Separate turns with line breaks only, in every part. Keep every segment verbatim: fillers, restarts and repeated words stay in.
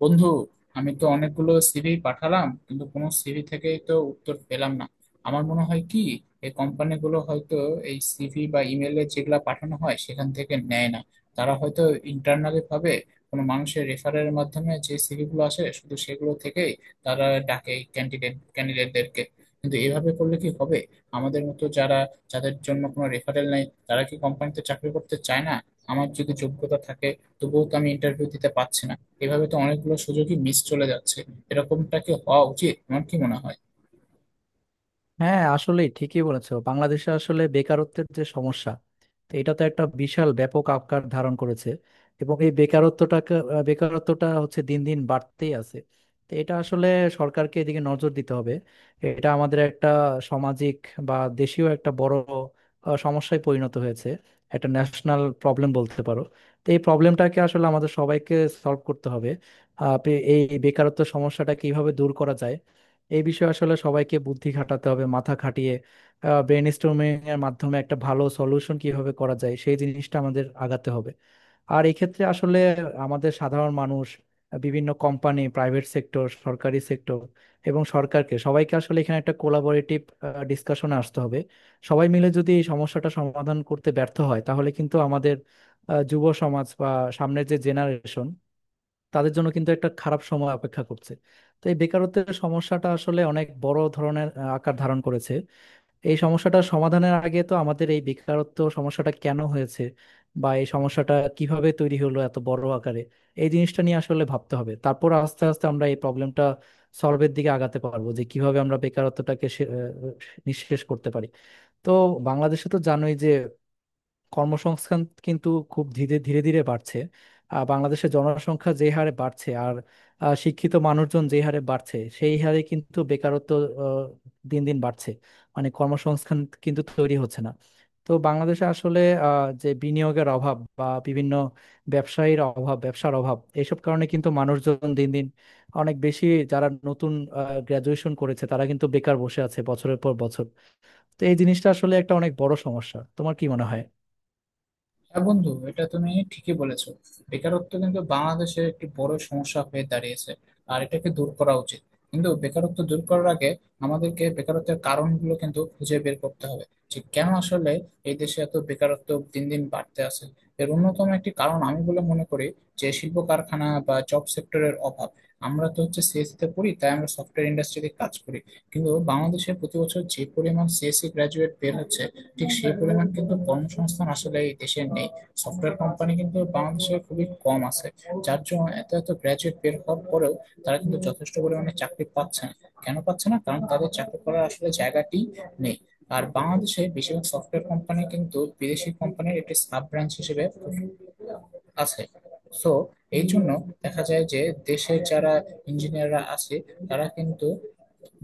বন্ধু, আমি তো অনেকগুলো সিভি পাঠালাম, কিন্তু কোনো সিভি থেকে তো উত্তর পেলাম না। আমার মনে হয় কি, এই কোম্পানিগুলো হয়তো এই সিভি বা ইমেলে যেগুলা পাঠানো হয় সেখান থেকে নেয় না। তারা হয়তো ইন্টারনালি ভাবে কোনো মানুষের রেফারের মাধ্যমে যে সিভি গুলো আসে শুধু সেগুলো থেকেই তারা ডাকে ক্যান্ডিডেট ক্যান্ডিডেটদেরকে। কিন্তু এভাবে করলে কি হবে? আমাদের মতো যারা, যাদের জন্য কোনো রেফারেল নেই, তারা কি কোম্পানিতে চাকরি করতে চায় না? আমার যদি যোগ্যতা থাকে, তবুও তো আমি ইন্টারভিউ দিতে পারছি না। এভাবে তো অনেকগুলো সুযোগই মিস চলে যাচ্ছে। এরকমটা কি হওয়া উচিত? তোমার কি মনে হয়?
হ্যাঁ, আসলে ঠিকই বলেছো। বাংলাদেশে আসলে বেকারত্বের যে সমস্যা, তো এটা তো একটা বিশাল ব্যাপক আকার ধারণ করেছে। এবং এই বেকারত্বটাকে আহ, বেকারত্বটা হচ্ছে দিন দিন বাড়তেই আছে। তো এটা আসলে সরকারকে এদিকে নজর দিতে হবে। এটা আমাদের একটা সামাজিক বা দেশীয় একটা বড় আহ, সমস্যায় পরিণত হয়েছে। একটা ন্যাশনাল প্রবলেম বলতে পারো। তো এই প্রবলেমটাকে আসলে আমাদের সবাইকে সলভ করতে হবে। আহ, এই বেকারত্ব সমস্যাটা কিভাবে দূর করা যায়, এই বিষয়ে আসলে সবাইকে বুদ্ধি খাটাতে হবে, মাথা খাটিয়ে ব্রেন স্টর্মিং এর মাধ্যমে একটা ভালো সলিউশন কিভাবে করা যায় সেই জিনিসটা আমাদের আগাতে হবে। আর এই ক্ষেত্রে আসলে আমাদের সাধারণ মানুষ, বিভিন্ন কোম্পানি, প্রাইভেট সেক্টর, সরকারি সেক্টর এবং সরকারকে, সবাইকে আসলে এখানে একটা কোলাবোরেটিভ ডিসকাশনে আসতে হবে। সবাই মিলে যদি এই সমস্যাটা সমাধান করতে ব্যর্থ হয় তাহলে কিন্তু আমাদের আহ, যুব সমাজ বা সামনের যে জেনারেশন, তাদের জন্য কিন্তু একটা খারাপ সময় অপেক্ষা করছে। তো এই বেকারত্বের সমস্যাটা আসলে অনেক বড় ধরনের আহ, আকার ধারণ করেছে। এই সমস্যাটা সমাধানের আগে তো আমাদের এই বেকারত্ব সমস্যাটা কেন হয়েছে বা এই সমস্যাটা কিভাবে তৈরি হলো এত বড় আকারে, এই জিনিসটা নিয়ে আসলে ভাবতে হবে। তারপর আস্তে আস্তে আমরা এই প্রবলেমটা সলভের দিকে আগাতে পারবো, যে কিভাবে আমরা বেকারত্বটাকে সে- আহ, নিঃশেষ করতে পারি। তো বাংলাদেশে তো জানোই যে কর্মসংস্থান কিন্তু খুব ধীরে ধীরে ধীরে বাড়ছে। আহ, বাংলাদেশের জনসংখ্যা যে হারে বাড়ছে আর আহ, শিক্ষিত মানুষজন যে হারে বাড়ছে, সেই হারে কিন্তু বেকারত্ব আহ, দিন দিন বাড়ছে। মানে কর্মসংস্থান কিন্তু তৈরি হচ্ছে না। তো বাংলাদেশে আসলে আহ, যে বিনিয়োগের অভাব বা বিভিন্ন ব্যবসায়ীর অভাব, ব্যবসার অভাব, এইসব কারণে কিন্তু মানুষজন দিন দিন অনেক বেশি, যারা নতুন গ্রাজুয়েশন করেছে তারা কিন্তু বেকার বসে আছে বছরের পর বছর। তো এই জিনিসটা আসলে একটা অনেক বড় সমস্যা। তোমার কি মনে হয়?
হ্যাঁ বন্ধু, এটা তুমি ঠিকই বলেছো। বেকারত্ব কিন্তু বাংলাদেশে একটি বড় সমস্যা হয়ে দাঁড়িয়েছে, আর এটাকে দূর করা উচিত। কিন্তু বেকারত্ব দূর করার আগে আমাদেরকে বেকারত্বের কারণগুলো কিন্তু খুঁজে বের করতে হবে, যে কেন আসলে এই দেশে এত বেকারত্ব দিন দিন বাড়তে আছে। এর অন্যতম একটি কারণ আমি বলে মনে করি, যে শিল্প কারখানা বা জব সেক্টরের অভাব। আমরা তো হচ্ছে সিএসসি তে পড়ি, তাই আমরা সফটওয়্যার ইন্ডাস্ট্রিতে কাজ করি। কিন্তু বাংলাদেশে প্রতি বছর যে পরিমাণ সিএসসি গ্রাজুয়েট বের হচ্ছে, ঠিক সেই পরিমাণ কিন্তু কর্মসংস্থান আসলে এই দেশে নেই। সফটওয়্যার কোম্পানি কিন্তু বাংলাদেশে খুবই কম আছে, যার জন্য এত এত গ্র্যাজুয়েট বের হওয়ার পরেও তারা কিন্তু যথেষ্ট পরিমাণে চাকরি পাচ্ছে না। কেন পাচ্ছে না? কারণ তাদের চাকরি করার আসলে জায়গাটি নেই। আর বাংলাদেশে বেশিরভাগ সফটওয়্যার কোম্পানি কিন্তু বিদেশি কোম্পানির একটি সাব ব্রাঞ্চ হিসেবে আছে। সো এই জন্য দেখা যায় যে দেশের যারা ইঞ্জিনিয়াররা আছে তারা কিন্তু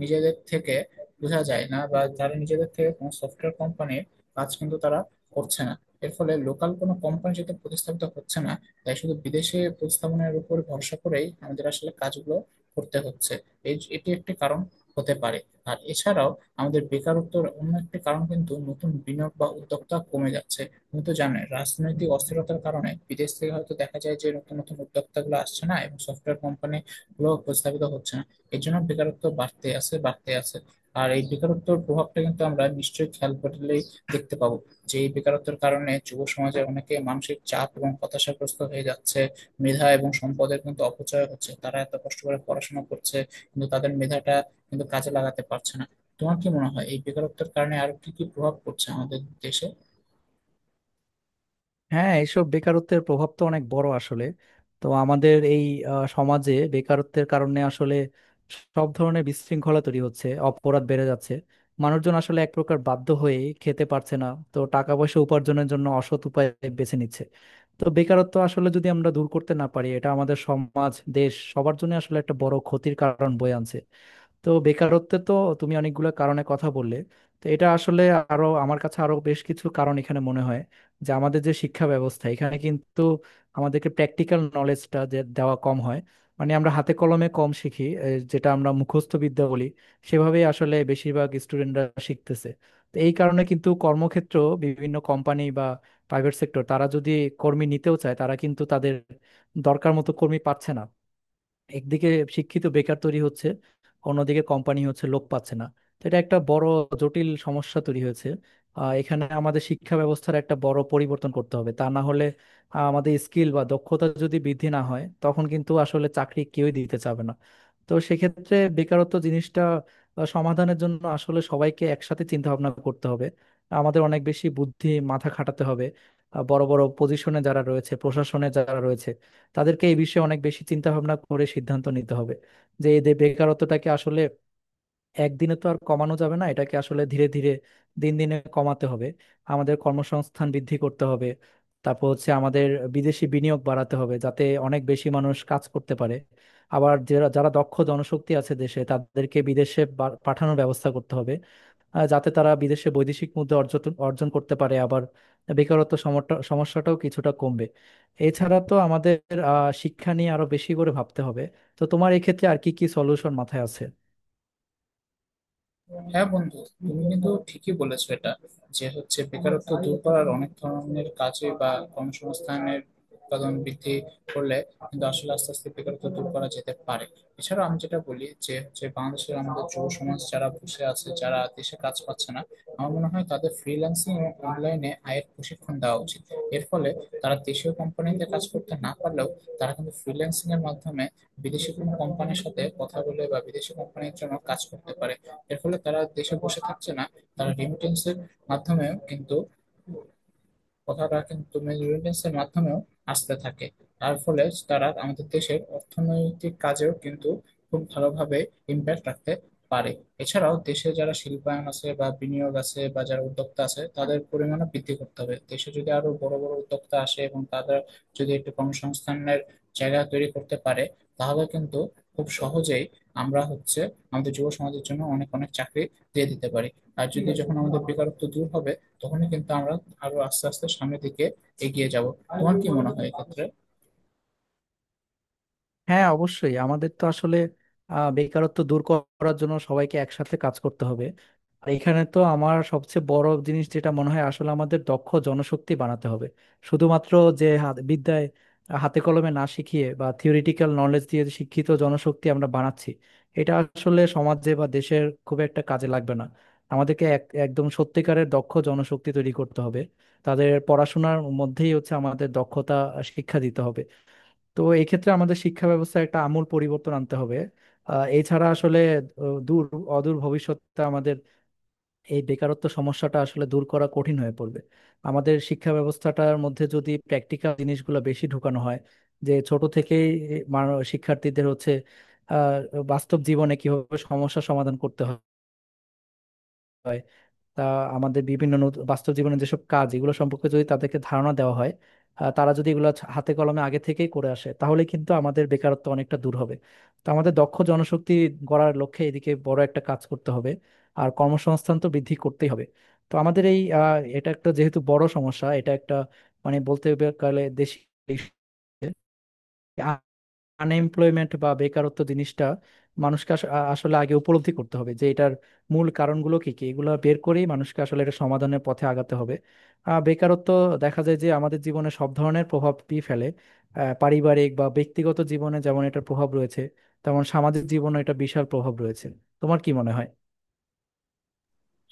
নিজেদের থেকে বোঝা যায় না, বা যারা নিজেদের থেকে কোনো সফটওয়্যার কোম্পানির কাজ কিন্তু তারা করছে না। এর ফলে লোকাল কোনো কোম্পানি যেহেতু প্রতিস্থাপিত হচ্ছে না, তাই শুধু বিদেশে প্রতিস্থাপনের উপর ভরসা করেই আমাদের আসলে কাজগুলো করতে হচ্ছে। এই এটি একটি কারণ হতে পারে। আর এছাড়াও আমাদের বেকারত্বের অন্য একটি কারণ কিন্তু নতুন বিনিয়োগ বা উদ্যোক্তা কমে যাচ্ছে। তুমি তো জানোই, রাজনৈতিক অস্থিরতার কারণে বিদেশ থেকে হয়তো দেখা যায় যে নতুন নতুন উদ্যোক্তাগুলো আসছে না, এবং সফটওয়্যার কোম্পানি গুলো প্রস্তাবিত হচ্ছে না। এই জন্য বেকারত্ব বাড়তে আছে বাড়তে আছে। আর এই বেকারত্বের প্রভাবটা কিন্তু আমরা নিশ্চয়ই খেয়াল করলেই দেখতে পাবো, যে এই বেকারত্বের কারণে যুব সমাজে অনেকে মানসিক চাপ এবং হতাশাগ্রস্ত হয়ে যাচ্ছে। মেধা এবং সম্পদের কিন্তু অপচয় হচ্ছে। তারা এত কষ্ট করে পড়াশোনা করছে, কিন্তু তাদের মেধাটা কিন্তু কাজে লাগাতে পারছে না। তোমার কি মনে হয় এই বেকারত্বের কারণে আর কি কি প্রভাব পড়ছে আমাদের দেশে?
হ্যাঁ, এইসব বেকারত্বের প্রভাব তো অনেক বড় আসলে। তো আমাদের এই আহ, সমাজে বেকারত্বের কারণে আসলে সব ধরনের বিশৃঙ্খলা তৈরি হচ্ছে, অপরাধ বেড়ে যাচ্ছে। মানুষজন আসলে এক প্রকার বাধ্য হয়ে খেতে পারছে না। তো টাকা পয়সা উপার্জনের জন্য অসৎ উপায় বেছে নিচ্ছে। তো বেকারত্ব আসলে যদি আমরা দূর করতে না পারি, এটা আমাদের সমাজ, দেশ, সবার জন্য আসলে একটা বড় ক্ষতির কারণ বয়ে আনছে। তো বেকারত্বে তো তুমি অনেকগুলো কারণে কথা বললে। তো এটা আসলে আরো, আমার কাছে আরো বেশ কিছু কারণ এখানে মনে হয়। যে আমাদের যে শিক্ষা ব্যবস্থা, এখানে কিন্তু আমাদেরকে প্র্যাকটিক্যাল নলেজটা যে দেওয়া কম হয়। মানে আমরা হাতে কলমে কম শিখি। এ, যেটা আমরা মুখস্থ বিদ্যা বলি, সেভাবেই আসলে বেশিরভাগ স্টুডেন্টরা শিখতেছে। তো এই কারণে কিন্তু কর্মক্ষেত্র, বিভিন্ন কোম্পানি বা প্রাইভেট সেক্টর, তারা যদি কর্মী নিতেও চায়, তারা কিন্তু তাদের দরকার মতো কর্মী পাচ্ছে না। একদিকে শিক্ষিত বেকার তৈরি হচ্ছে, অন্যদিকে কোম্পানি হচ্ছে লোক পাচ্ছে না। তো এটা একটা বড় জটিল সমস্যা তৈরি হয়েছে। আহ, এখানে আমাদের শিক্ষা ব্যবস্থার একটা বড় পরিবর্তন করতে হবে, তা না হলে আহ, আমাদের স্কিল বা দক্ষতা যদি বৃদ্ধি না হয়, তখন কিন্তু আসলে চাকরি কেউই দিতে চাবে না। তো সেক্ষেত্রে বেকারত্ব জিনিসটা আহ, সমাধানের জন্য আসলে সবাইকে একসাথে চিন্তা ভাবনা করতে হবে। আমাদের অনেক বেশি বুদ্ধি, মাথা খাটাতে হবে। আহ, বড় বড় পজিশনে যারা রয়েছে, প্রশাসনে যারা রয়েছে, তাদেরকে এই বিষয়ে অনেক বেশি চিন্তা ভাবনা করে সিদ্ধান্ত নিতে হবে। যে এদের বেকারত্বটাকে আসলে একদিনে তো আর কমানো যাবে না, এটাকে আসলে ধীরে ধীরে, দিন দিনে কমাতে হবে। আমাদের কর্মসংস্থান বৃদ্ধি করতে হবে। তারপর হচ্ছে আমাদের বিদেশি বিনিয়োগ বাড়াতে হবে, যাতে অনেক বেশি মানুষ কাজ করতে পারে। আবার যারা যারা দক্ষ জনশক্তি আছে দেশে, তাদেরকে বিদেশে বা- পাঠানোর ব্যবস্থা করতে হবে, আহ, যাতে তারা বিদেশে বৈদেশিক মুদ্রা অর্জন অর্জন করতে পারে, আবার বেকারত্ব সমটা- সমস্যাটাও কিছুটা কমবে। এছাড়া তো আমাদের আহ, শিক্ষা নিয়ে আরো বেশি করে ভাবতে হবে। তো তোমার এক্ষেত্রে আর কি কি সলিউশন মাথায় আছে?
হ্যাঁ বন্ধু, তুমি কিন্তু ঠিকই বলেছো এটা। যে হচ্ছে বেকারত্ব দূর করার অনেক ধরনের কাজে বা কর্মসংস্থানের উৎপাদন বৃদ্ধি করলে কিন্তু আসলে আস্তে আস্তে বেকারত্ব দূর করা যেতে পারে। এছাড়া আমি যেটা বলি যে হচ্ছে, বাংলাদেশের আমাদের যুব সমাজ যারা বসে আছে, যারা দেশে কাজ পাচ্ছে না, আমার মনে হয় তাদের ফ্রিল্যান্সিং এবং অনলাইনে আয়ের প্রশিক্ষণ দেওয়া উচিত। এর ফলে তারা দেশীয় কোম্পানিতে কাজ করতে না পারলেও, তারা কিন্তু ফ্রিল্যান্সিং এর মাধ্যমে বিদেশি কোনো কোম্পানির সাথে কথা বলে বা বিদেশি কোম্পানির জন্য কাজ করতে পারে। এর ফলে তারা দেশে বসে থাকছে না। তারা রেমিটেন্সের মাধ্যমেও কিন্তু, কথাটা কিন্তু রেমিটেন্সের মাধ্যমেও আসতে থাকে। তার ফলে তারা আমাদের দেশের অর্থনৈতিক কাজেও কিন্তু খুব ভালোভাবে ইম্প্যাক্ট রাখতে পারে। এছাড়াও দেশে যারা শিল্পায়ন আছে বা বিনিয়োগ আছে বা যারা উদ্যোক্তা আছে তাদের পরিমাণও বৃদ্ধি করতে হবে। দেশে যদি আরো বড় বড় উদ্যোক্তা আসে, এবং তাদের যদি একটু কর্মসংস্থানের জায়গা তৈরি করতে পারে, তাহলে কিন্তু খুব সহজেই আমরা হচ্ছে আমাদের যুব সমাজের জন্য অনেক অনেক চাকরি দিয়ে দিতে পারি। আর যদি যখন আমাদের বেকারত্ব দূর হবে, তখনই কিন্তু আমরা আরো আস্তে আস্তে সামনের দিকে এগিয়ে যাব। তোমার কি মনে হয় এক্ষেত্রে?
হ্যাঁ, অবশ্যই। আমাদের তো আসলে আহ, বেকারত্ব দূর করার জন্য সবাইকে একসাথে কাজ করতে হবে। আর এখানে তো আমার সবচেয়ে বড় জিনিস যেটা মনে হয়, আসলে আমাদের দক্ষ জনশক্তি বানাতে হবে। শুধুমাত্র যে হাত বিদ্যায়, হাতে কলমে না শিখিয়ে বা থিওরিটিক্যাল নলেজ দিয়ে যে শিক্ষিত জনশক্তি আমরা বানাচ্ছি, এটা আসলে সমাজে বা দেশের খুব একটা কাজে লাগবে না। আমাদেরকে এক একদম সত্যিকারের দক্ষ জনশক্তি তৈরি করতে হবে। তাদের পড়াশোনার মধ্যেই হচ্ছে আমাদের দক্ষতা শিক্ষা দিতে হবে। তো এক্ষেত্রে আমাদের শিক্ষা ব্যবস্থায় একটা আমূল পরিবর্তন আনতে হবে। আহ, এছাড়া আসলে আহ, দূর অদূর ভবিষ্যতে আমাদের এই বেকারত্ব সমস্যাটা আসলে দূর করা কঠিন হয়ে পড়বে। আমাদের শিক্ষা ব্যবস্থাটার মধ্যে যদি প্র্যাকটিক্যাল জিনিসগুলো বেশি ঢুকানো হয়, যে ছোট থেকেই মানু- শিক্ষার্থীদের হচ্ছে আহ, বাস্তব জীবনে কিভাবে সমস্যা সমাধান করতে হয় তা, আমাদের বিভিন্ন নত- বাস্তব জীবনের যেসব কাজ, এগুলো সম্পর্কে যদি তাদেরকে ধারণা দেওয়া হয়, আহ, তারা যদি এগুলো ছ- হাতে কলমে আগে থেকেই করে আসে, তাহলে কিন্তু আমাদের বেকারত্ব অনেকটা দূর হবে। তো আমাদের দক্ষ জনশক্তি গড়ার লক্ষ্যে এদিকে বড় একটা কাজ করতে হবে। আর কর্মসংস্থান তো বৃদ্ধি করতেই হবে। তো আমাদের এই আহ, এটা একটা যেহেতু বড় সমস্যা, এটা একটা মানে বলতে গেলে দেশি আনএমপ্লয়মেন্ট বা বেকারত্ব জিনিসটা, মানুষকে আস- আ- আসলে আগে উপলব্ধি করতে হবে যে এটার মূল কারণগুলো কি কি, এগুলো বের করেই মানুষকে আসলে এটা সমাধানের পথে আগাতে হবে। আহ, বেকারত্ব দেখা যায় যে আমাদের জীবনে সব ধরনের প্রভাবই ফেলে। আহ, পারিবারিক বা ব্যক্তিগত জীবনে যেমন এটার প্রভাব রয়েছে, তেমন সামাজিক জীবনে এটা বিশাল প্রভাব রয়েছে। তোমার কি মনে হয়?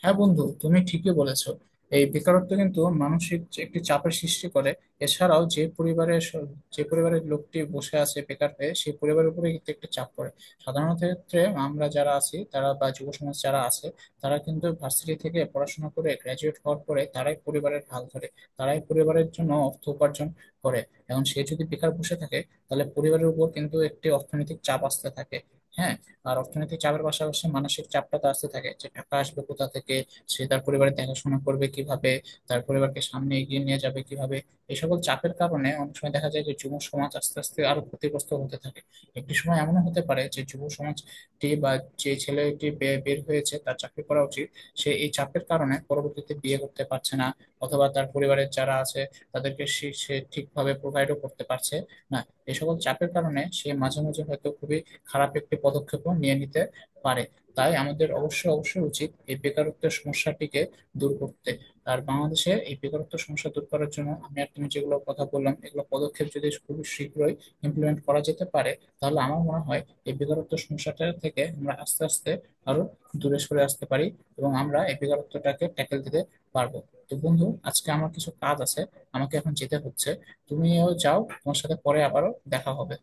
হ্যাঁ বন্ধু, তুমি ঠিকই বলেছো। এই বেকারত্ব কিন্তু মানসিক যে একটি চাপের সৃষ্টি করে। এছাড়াও যে পরিবারের স- যে পরিবারের লোকটি বসে আছে বেকার হয়ে, সেই পরিবারের উপরে কিন্তু একটা চাপ পড়ে। সাধারণত ক্ষেত্রে আমরা যারা আছি তারা বা যুব সমাজ যারা আছে, তারা কিন্তু ভার্সিটি থেকে পড়াশোনা করে গ্রাজুয়েট হওয়ার পরে তারাই পরিবারের হাল ধরে, তারাই পরিবারের জন্য অর্থ উপার্জন করে। এখন সে যদি বেকার বসে থাকে, তাহলে পরিবারের উপর কিন্তু একটি অর্থনৈতিক চাপ আসতে থাকে। হ্যাঁ, আর অর্থনৈতিক চাপের পাশাপাশি মানসিক চাপটা তো আসতে থাকে, যে টাকা আসবে কোথা থেকে, সে তার পরিবারের দেখাশোনা করবে কিভাবে, তার পরিবারকে সামনে এগিয়ে নিয়ে যাবে কিভাবে। এই সকল চাপের কারণে অনেক সময় দেখা যায় যে যুব সমাজ আস্তে আস্তে আরো ক্ষতিগ্রস্ত হতে থাকে। একটি সময় এমনও হতে পারে যে যুব সমাজটি বা যে ছেলেটি বে- বের হয়েছে, তার চাকরি করা উচিত, সে এই চাপের কারণে পরবর্তীতে বিয়ে করতে পারছে না। অথবা তার পরিবারের যারা আছে, তাদেরকে সে সে ঠিকভাবে প্রোভাইডও করতে পারছে না। এই সকল চাপের কারণে সে মাঝে মাঝে হয়তো খুবই খারাপ একটি পদক্ষেপও নিয়ে নিতে পারে। তাই আমাদের অবশ্যই অবশ্যই উচিত এই বেকারত্বের সমস্যাটিকে দূর করতে। আর বাংলাদেশে এই বেকারত্ব সমস্যা দূর করার জন্য আমি আর তুমি যেগুলো কথা বললাম, এগুলো পদক্ষেপ যদি খুবই শীঘ্রই ইমপ্লিমেন্ট করা যেতে পারে, তাহলে আমার মনে হয় এই বেকারত্ব সমস্যাটা থেকে আমরা আস্তে আস্তে আরো দূরে সরে আসতে পারি, এবং আমরা এই বেকারত্বটাকে ট্যাকেল দিতে পারবো। তো বন্ধু, আজকে আমার কিছু কাজ আছে, আমাকে এখন যেতে হচ্ছে। তুমিও যাও, তোমার সাথে পরে আবারও দেখা হবে।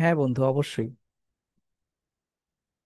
হ্যাঁ বন্ধু, অবশ্যই।